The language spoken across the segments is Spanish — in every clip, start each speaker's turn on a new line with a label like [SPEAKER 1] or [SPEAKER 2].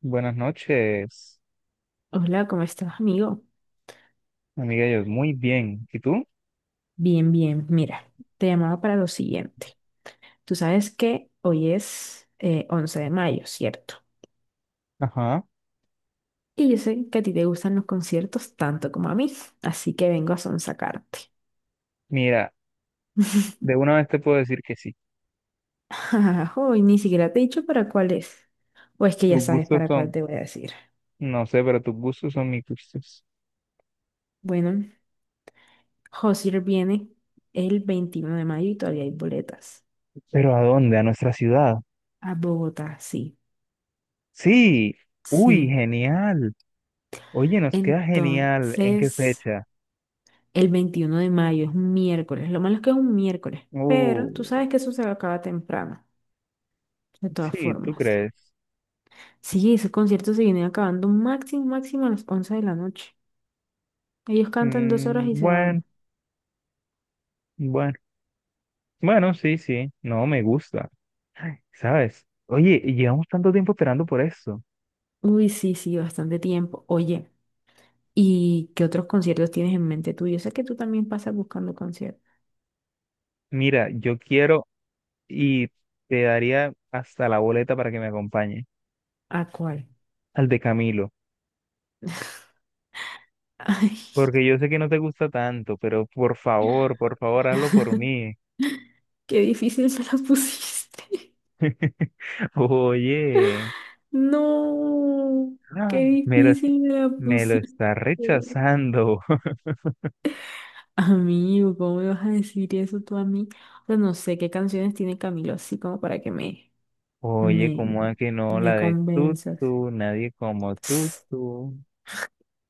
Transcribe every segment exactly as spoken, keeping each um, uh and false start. [SPEAKER 1] Buenas noches,
[SPEAKER 2] Hola, ¿cómo estás, amigo?
[SPEAKER 1] amiga. Yo muy bien. ¿Y tú?
[SPEAKER 2] Bien, bien. Mira, te llamaba para lo siguiente. Tú sabes que hoy es eh, once de mayo, ¿cierto?
[SPEAKER 1] Ajá.
[SPEAKER 2] Y yo sé que a ti te gustan los conciertos tanto como a mí, así que vengo a sonsacarte.
[SPEAKER 1] Mira, de una vez te puedo decir que sí.
[SPEAKER 2] Hoy ni siquiera te he dicho para cuál es. O es que ya
[SPEAKER 1] Tus
[SPEAKER 2] sabes
[SPEAKER 1] gustos
[SPEAKER 2] para cuál
[SPEAKER 1] son,
[SPEAKER 2] te voy a decir.
[SPEAKER 1] no sé, pero tus gustos son mis gustos.
[SPEAKER 2] Bueno, Josier viene el veintiuno de mayo y todavía hay boletas.
[SPEAKER 1] ¿Pero a dónde? ¿A nuestra ciudad?
[SPEAKER 2] A Bogotá, sí.
[SPEAKER 1] Sí. Uy,
[SPEAKER 2] Sí.
[SPEAKER 1] genial. Oye, nos queda genial. ¿En qué
[SPEAKER 2] Entonces,
[SPEAKER 1] fecha?
[SPEAKER 2] el veintiuno de mayo es un miércoles. Lo malo es que es un miércoles.
[SPEAKER 1] Uh,
[SPEAKER 2] Pero tú sabes que eso se acaba temprano, de todas
[SPEAKER 1] sí, ¿tú
[SPEAKER 2] formas.
[SPEAKER 1] crees?
[SPEAKER 2] Sí, esos conciertos se vienen acabando máximo, máximo a las once de la noche. Ellos cantan dos
[SPEAKER 1] Mm,
[SPEAKER 2] horas y se
[SPEAKER 1] bueno,
[SPEAKER 2] van.
[SPEAKER 1] bueno. Bueno, sí, sí. No, me gusta. Ay, ¿sabes? Oye, llevamos tanto tiempo esperando por esto.
[SPEAKER 2] Uy, sí, sí, bastante tiempo. Oye, ¿y qué otros conciertos tienes en mente tú? Yo sé que tú también pasas buscando conciertos.
[SPEAKER 1] Mira, yo quiero y te daría hasta la boleta para que me acompañe
[SPEAKER 2] ¿A cuál?
[SPEAKER 1] al de Camilo,
[SPEAKER 2] Ay,
[SPEAKER 1] porque yo sé que no te gusta tanto, pero por favor, por favor, hazlo por mí.
[SPEAKER 2] qué difícil me la pusiste.
[SPEAKER 1] Oye,
[SPEAKER 2] No,
[SPEAKER 1] ah,
[SPEAKER 2] qué
[SPEAKER 1] me lo, es-
[SPEAKER 2] difícil me la
[SPEAKER 1] me lo
[SPEAKER 2] pusiste.
[SPEAKER 1] está rechazando.
[SPEAKER 2] Amigo, ¿cómo me vas a decir eso tú a mí? O sea, no sé qué canciones tiene Camilo así como para que me,
[SPEAKER 1] Oye,
[SPEAKER 2] me,
[SPEAKER 1] ¿cómo es
[SPEAKER 2] no,
[SPEAKER 1] que no
[SPEAKER 2] me
[SPEAKER 1] la de tú,
[SPEAKER 2] convenzas.
[SPEAKER 1] tú, nadie como tú, tú?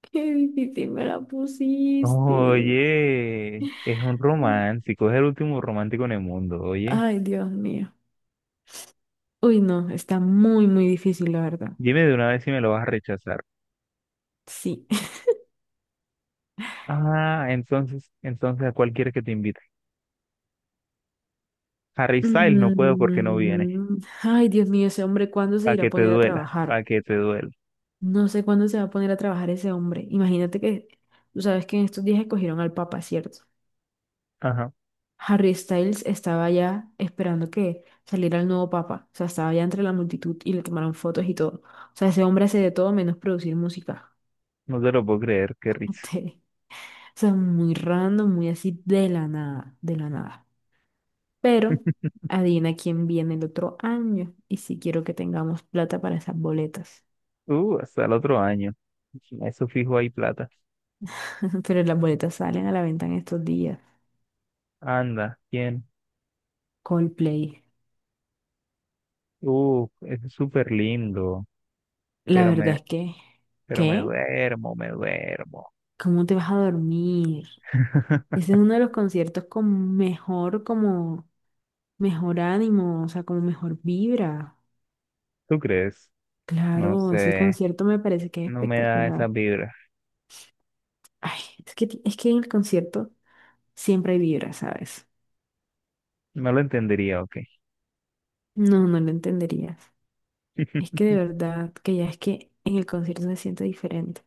[SPEAKER 2] Qué difícil me la pusiste.
[SPEAKER 1] Oye, es un romántico, es el último romántico en el mundo, oye.
[SPEAKER 2] Ay, Dios mío. Uy, no, está muy, muy difícil, la verdad.
[SPEAKER 1] Dime de una vez si me lo vas a rechazar.
[SPEAKER 2] Sí.
[SPEAKER 1] Ah, entonces, entonces, ¿a cuál quieres que te invite? Harry Styles no puedo porque no viene.
[SPEAKER 2] Mm, ay, Dios mío, ese hombre, ¿cuándo se
[SPEAKER 1] Para
[SPEAKER 2] irá a
[SPEAKER 1] que te
[SPEAKER 2] poner a
[SPEAKER 1] duela,
[SPEAKER 2] trabajar?
[SPEAKER 1] para que te duela.
[SPEAKER 2] No sé cuándo se va a poner a trabajar ese hombre. Imagínate que, tú sabes que en estos días escogieron al Papa, ¿cierto?
[SPEAKER 1] Ajá,
[SPEAKER 2] Harry Styles estaba ya esperando que saliera el nuevo papa. O sea, estaba ya entre la multitud y le tomaron fotos y todo. O sea, ese hombre hace de todo menos producir música.
[SPEAKER 1] no te lo puedo creer, qué risa.
[SPEAKER 2] Este, o sea, muy random, muy así de la nada, de la nada. Pero adivina quién viene el otro año. Y si quiero que tengamos plata para esas boletas.
[SPEAKER 1] Uh, hasta el otro año. Eso fijo ahí plata.
[SPEAKER 2] Pero las boletas salen a la venta en estos días.
[SPEAKER 1] Anda, ¿quién?
[SPEAKER 2] Coldplay.
[SPEAKER 1] Uh, es súper lindo,
[SPEAKER 2] La
[SPEAKER 1] pero me,
[SPEAKER 2] verdad es que,
[SPEAKER 1] pero me
[SPEAKER 2] ¿qué?
[SPEAKER 1] duermo, me duermo.
[SPEAKER 2] ¿Cómo te vas a dormir? Ese es uno de los conciertos con mejor, como, mejor ánimo, o sea, como mejor vibra.
[SPEAKER 1] ¿Tú crees? No
[SPEAKER 2] Claro, ese
[SPEAKER 1] sé,
[SPEAKER 2] concierto me parece que es
[SPEAKER 1] no me da
[SPEAKER 2] espectacular.
[SPEAKER 1] esa vibra.
[SPEAKER 2] Ay, es que, ti- es que en el concierto siempre hay vibra, ¿sabes?
[SPEAKER 1] No lo entendería, ok.
[SPEAKER 2] No, no lo entenderías. Es que de verdad, que ya es que en el concierto se siente diferente.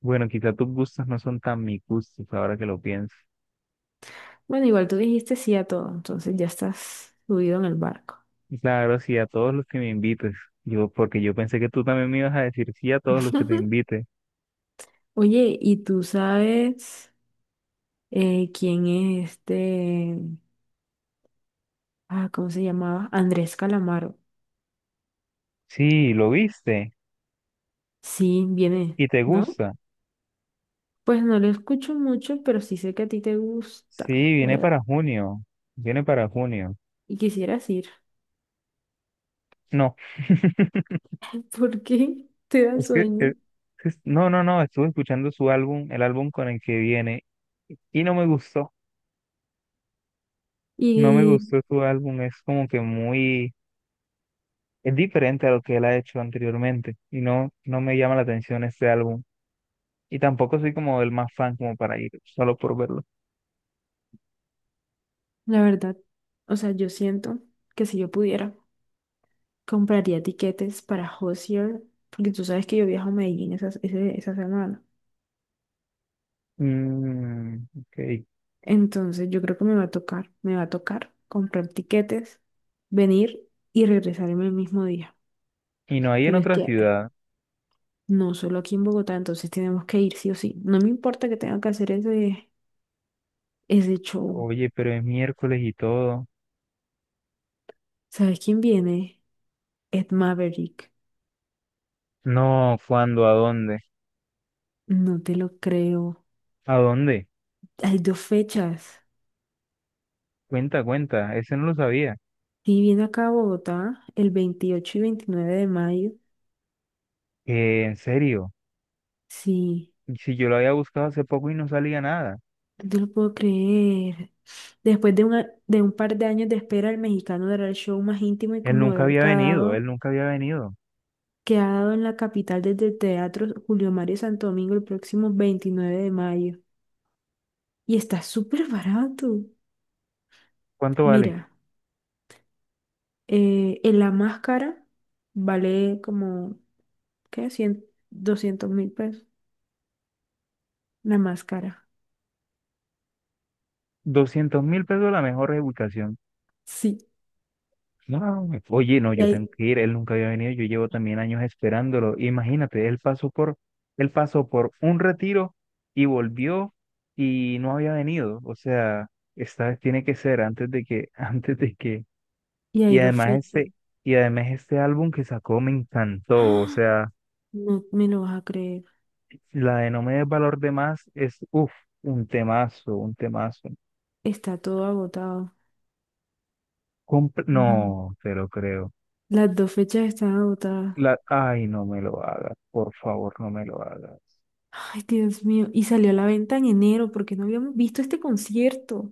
[SPEAKER 1] Bueno, quizá tus gustos no son tan mis gustos ahora que lo pienso.
[SPEAKER 2] Bueno, igual tú dijiste sí a todo, entonces ya estás subido en el barco.
[SPEAKER 1] Claro, sí, a todos los que me invites. Yo, porque yo pensé que tú también me ibas a decir sí a todos los que te invite.
[SPEAKER 2] Oye, ¿y tú sabes eh, quién es este? Ah, ¿cómo se llamaba? Andrés Calamaro.
[SPEAKER 1] Sí, lo viste
[SPEAKER 2] Sí, viene,
[SPEAKER 1] y te
[SPEAKER 2] ¿no?
[SPEAKER 1] gusta.
[SPEAKER 2] Pues no lo escucho mucho, pero sí sé que a ti te gusta,
[SPEAKER 1] Sí, viene
[SPEAKER 2] creo.
[SPEAKER 1] para junio. Viene para junio.
[SPEAKER 2] Y quisieras ir,
[SPEAKER 1] No,
[SPEAKER 2] porque te da
[SPEAKER 1] es que,
[SPEAKER 2] sueño.
[SPEAKER 1] eh, es- no, no, no, estuve escuchando su álbum, el álbum con el que viene, y no me gustó. No me
[SPEAKER 2] Y
[SPEAKER 1] gustó su álbum, es como que muy, es diferente a lo que él ha hecho anteriormente, y no, no me llama la atención este álbum. Y tampoco soy como el más fan como para ir solo por verlo.
[SPEAKER 2] la verdad, o sea, yo siento que si yo pudiera, compraría tiquetes para Hozier, porque tú sabes que yo viajo a Medellín esa, ese- esa semana.
[SPEAKER 1] Mm, ok.
[SPEAKER 2] Entonces yo creo que me va a tocar, me va a tocar comprar tiquetes, venir y regresarme el mismo día.
[SPEAKER 1] Y no hay en
[SPEAKER 2] Pero es
[SPEAKER 1] otra
[SPEAKER 2] que
[SPEAKER 1] ciudad.
[SPEAKER 2] no solo aquí en Bogotá, entonces tenemos que ir sí o sí. No me importa que tenga que hacer ese, ese show.
[SPEAKER 1] Oye, pero es miércoles y todo.
[SPEAKER 2] ¿Sabes quién viene? Ed Maverick.
[SPEAKER 1] No, ¿cuándo? ¿A dónde?
[SPEAKER 2] No te lo creo.
[SPEAKER 1] ¿A dónde?
[SPEAKER 2] Hay dos fechas.
[SPEAKER 1] Cuenta, cuenta. Ese no lo sabía.
[SPEAKER 2] Sí, viene acá a Bogotá el veintiocho y veintinueve de mayo.
[SPEAKER 1] Eh, en serio.
[SPEAKER 2] Sí,
[SPEAKER 1] Si yo lo había buscado hace poco y no salía nada.
[SPEAKER 2] no te lo puedo creer. Después de, una- de un par de años de espera, el mexicano dará el show más íntimo y
[SPEAKER 1] Él nunca
[SPEAKER 2] conmovedor
[SPEAKER 1] había
[SPEAKER 2] que ha
[SPEAKER 1] venido, él
[SPEAKER 2] dado,
[SPEAKER 1] nunca había venido.
[SPEAKER 2] que ha dado en la capital desde el Teatro Julio Mario Santo Domingo el próximo veintinueve de mayo. Y está súper barato.
[SPEAKER 1] ¿Cuánto vale?
[SPEAKER 2] Mira, eh, en la máscara vale como, ¿qué? Cien, doscientos mil pesos. La máscara.
[SPEAKER 1] Doscientos mil pesos la mejor reubicación.
[SPEAKER 2] Sí.
[SPEAKER 1] No, oye, no,
[SPEAKER 2] Y
[SPEAKER 1] yo tengo
[SPEAKER 2] hay,
[SPEAKER 1] que ir, él nunca había venido, yo llevo también años esperándolo. Imagínate, él pasó por, él pasó por un retiro y volvió y no había venido. O sea, esta vez tiene que ser antes de que, antes de que.
[SPEAKER 2] y hay
[SPEAKER 1] Y
[SPEAKER 2] dos
[SPEAKER 1] además
[SPEAKER 2] fechas.
[SPEAKER 1] este, y además este álbum que sacó me encantó. O
[SPEAKER 2] ¡Ah!
[SPEAKER 1] sea,
[SPEAKER 2] No me lo vas a creer.
[SPEAKER 1] la de No me des valor de más es, uff, un temazo, un temazo.
[SPEAKER 2] Está todo agotado.
[SPEAKER 1] Compr-
[SPEAKER 2] Mm.
[SPEAKER 1] no, te lo creo.
[SPEAKER 2] Las dos fechas están agotadas.
[SPEAKER 1] La, ay, no me lo hagas, por favor, no me lo hagas.
[SPEAKER 2] Ay, Dios mío. Y salió a la venta en enero porque no habíamos visto este concierto.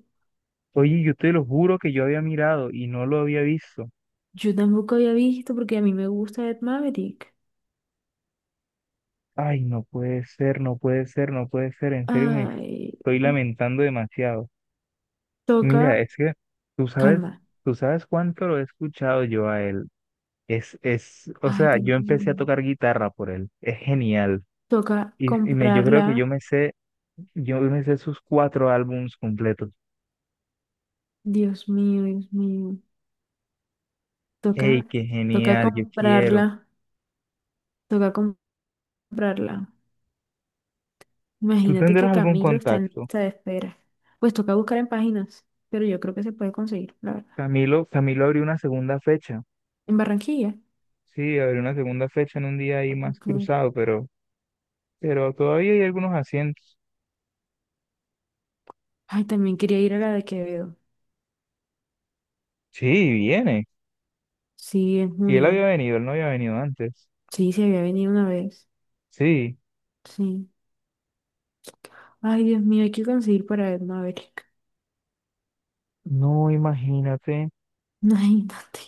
[SPEAKER 1] Oye, yo te lo juro que yo había mirado y no lo había visto.
[SPEAKER 2] Yo tampoco había visto porque a mí me gusta Ed Maverick.
[SPEAKER 1] Ay, no puede ser, no puede ser, no puede ser. En serio me
[SPEAKER 2] Ay,
[SPEAKER 1] estoy lamentando demasiado. Mira,
[SPEAKER 2] toca.
[SPEAKER 1] es que tú sabes,
[SPEAKER 2] Calma.
[SPEAKER 1] tú sabes cuánto lo he escuchado yo a él. Es, es, o
[SPEAKER 2] Ay,
[SPEAKER 1] sea, yo
[SPEAKER 2] Dios mío.
[SPEAKER 1] empecé a tocar guitarra por él. Es genial.
[SPEAKER 2] Toca
[SPEAKER 1] Y, y me, yo creo que yo
[SPEAKER 2] comprarla.
[SPEAKER 1] me sé, yo me sé sus cuatro álbumes completos.
[SPEAKER 2] Dios mío, Dios mío. Toca,
[SPEAKER 1] ¡Ey, qué
[SPEAKER 2] toca
[SPEAKER 1] genial! Yo quiero.
[SPEAKER 2] comprarla. Toca comprarla.
[SPEAKER 1] ¿Tú
[SPEAKER 2] Imagínate que
[SPEAKER 1] tendrás algún
[SPEAKER 2] Camilo está en
[SPEAKER 1] contacto?
[SPEAKER 2] lista de espera. Pues toca buscar en páginas, pero yo creo que se puede conseguir, la verdad.
[SPEAKER 1] Camilo, Camilo abrió una segunda fecha.
[SPEAKER 2] En Barranquilla.
[SPEAKER 1] Sí, habrá una segunda fecha en un día ahí más
[SPEAKER 2] Ok.
[SPEAKER 1] cruzado, pero, pero todavía hay algunos asientos.
[SPEAKER 2] Ay, también quería ir a la de Quevedo.
[SPEAKER 1] Sí, viene.
[SPEAKER 2] Sí, en
[SPEAKER 1] Y él
[SPEAKER 2] junio.
[SPEAKER 1] había venido, él no había venido antes.
[SPEAKER 2] Sí, se había venido una vez.
[SPEAKER 1] Sí,
[SPEAKER 2] Sí. Ay, Dios mío, hay que conseguir para ver Maverick.
[SPEAKER 1] no, imagínate.
[SPEAKER 2] Imagínate.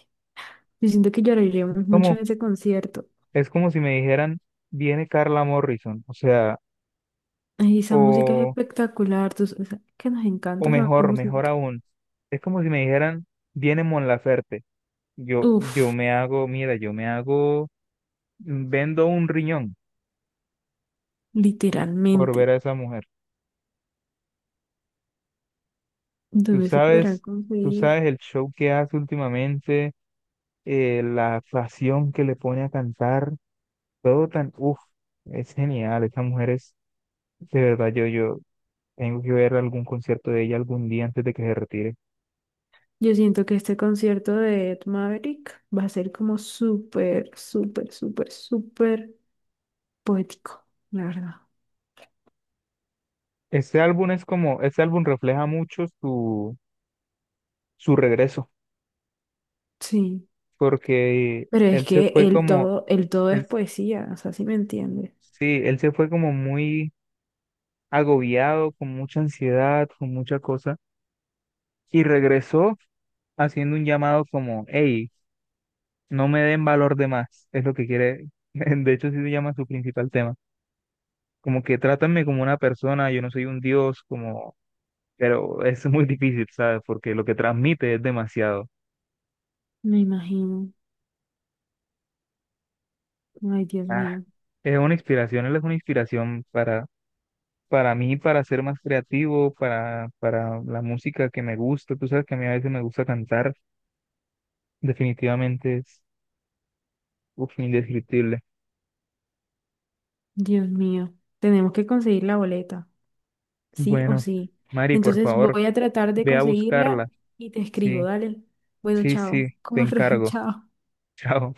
[SPEAKER 2] Yo siento que
[SPEAKER 1] Es
[SPEAKER 2] lloraríamos mucho
[SPEAKER 1] como,
[SPEAKER 2] en ese concierto.
[SPEAKER 1] es como si me dijeran, viene Carla Morrison, o sea,
[SPEAKER 2] Ay, esa música es
[SPEAKER 1] o,
[SPEAKER 2] espectacular, tú sabes que nos
[SPEAKER 1] o
[SPEAKER 2] encanta esa
[SPEAKER 1] mejor, mejor
[SPEAKER 2] música.
[SPEAKER 1] aún. Es como si me dijeran, viene Mon Laferte. Yo, yo
[SPEAKER 2] Uf,
[SPEAKER 1] me hago, mira, yo me hago, mm, vendo un riñón por ver
[SPEAKER 2] literalmente.
[SPEAKER 1] a esa mujer. Tú
[SPEAKER 2] ¿Dónde se podrán
[SPEAKER 1] sabes, tú
[SPEAKER 2] conseguir?
[SPEAKER 1] sabes el show que hace últimamente eh, la pasión que le pone a cantar, todo tan, uff, es genial, esa mujer es, de verdad, yo, yo tengo que ver algún concierto de ella algún día antes de que se retire.
[SPEAKER 2] Yo siento que este concierto de Ed Maverick va a ser como súper, súper, súper, súper poético, la verdad.
[SPEAKER 1] Este álbum es como, este álbum refleja mucho su, su regreso,
[SPEAKER 2] Sí,
[SPEAKER 1] porque
[SPEAKER 2] pero es
[SPEAKER 1] él se
[SPEAKER 2] que
[SPEAKER 1] fue
[SPEAKER 2] el
[SPEAKER 1] como,
[SPEAKER 2] todo, el todo es
[SPEAKER 1] él,
[SPEAKER 2] poesía, o sea, si me entiendes.
[SPEAKER 1] sí, él se fue como muy agobiado, con mucha ansiedad, con mucha cosa, y regresó haciendo un llamado como, hey, No me den valor de más, es lo que quiere, de hecho sí se llama su principal tema. Como que trátame como una persona, yo no soy un dios, como, pero es muy difícil, ¿sabes? Porque lo que transmite es demasiado.
[SPEAKER 2] Me imagino. Ay, Dios
[SPEAKER 1] Ah,
[SPEAKER 2] mío,
[SPEAKER 1] es una inspiración, él es una inspiración para, para mí, para, ser más creativo, para, para la música que me gusta. Tú sabes que a mí a veces me gusta cantar, definitivamente es, uf, indescriptible.
[SPEAKER 2] Dios mío. Tenemos que conseguir la boleta, sí o
[SPEAKER 1] Bueno,
[SPEAKER 2] sí.
[SPEAKER 1] Mari, por
[SPEAKER 2] Entonces
[SPEAKER 1] favor,
[SPEAKER 2] voy a tratar de
[SPEAKER 1] ve a
[SPEAKER 2] conseguirla
[SPEAKER 1] buscarla.
[SPEAKER 2] y te escribo,
[SPEAKER 1] Sí,
[SPEAKER 2] dale. Bueno,
[SPEAKER 1] sí, sí,
[SPEAKER 2] chao.
[SPEAKER 1] te
[SPEAKER 2] Como re,
[SPEAKER 1] encargo.
[SPEAKER 2] chao.
[SPEAKER 1] Chao.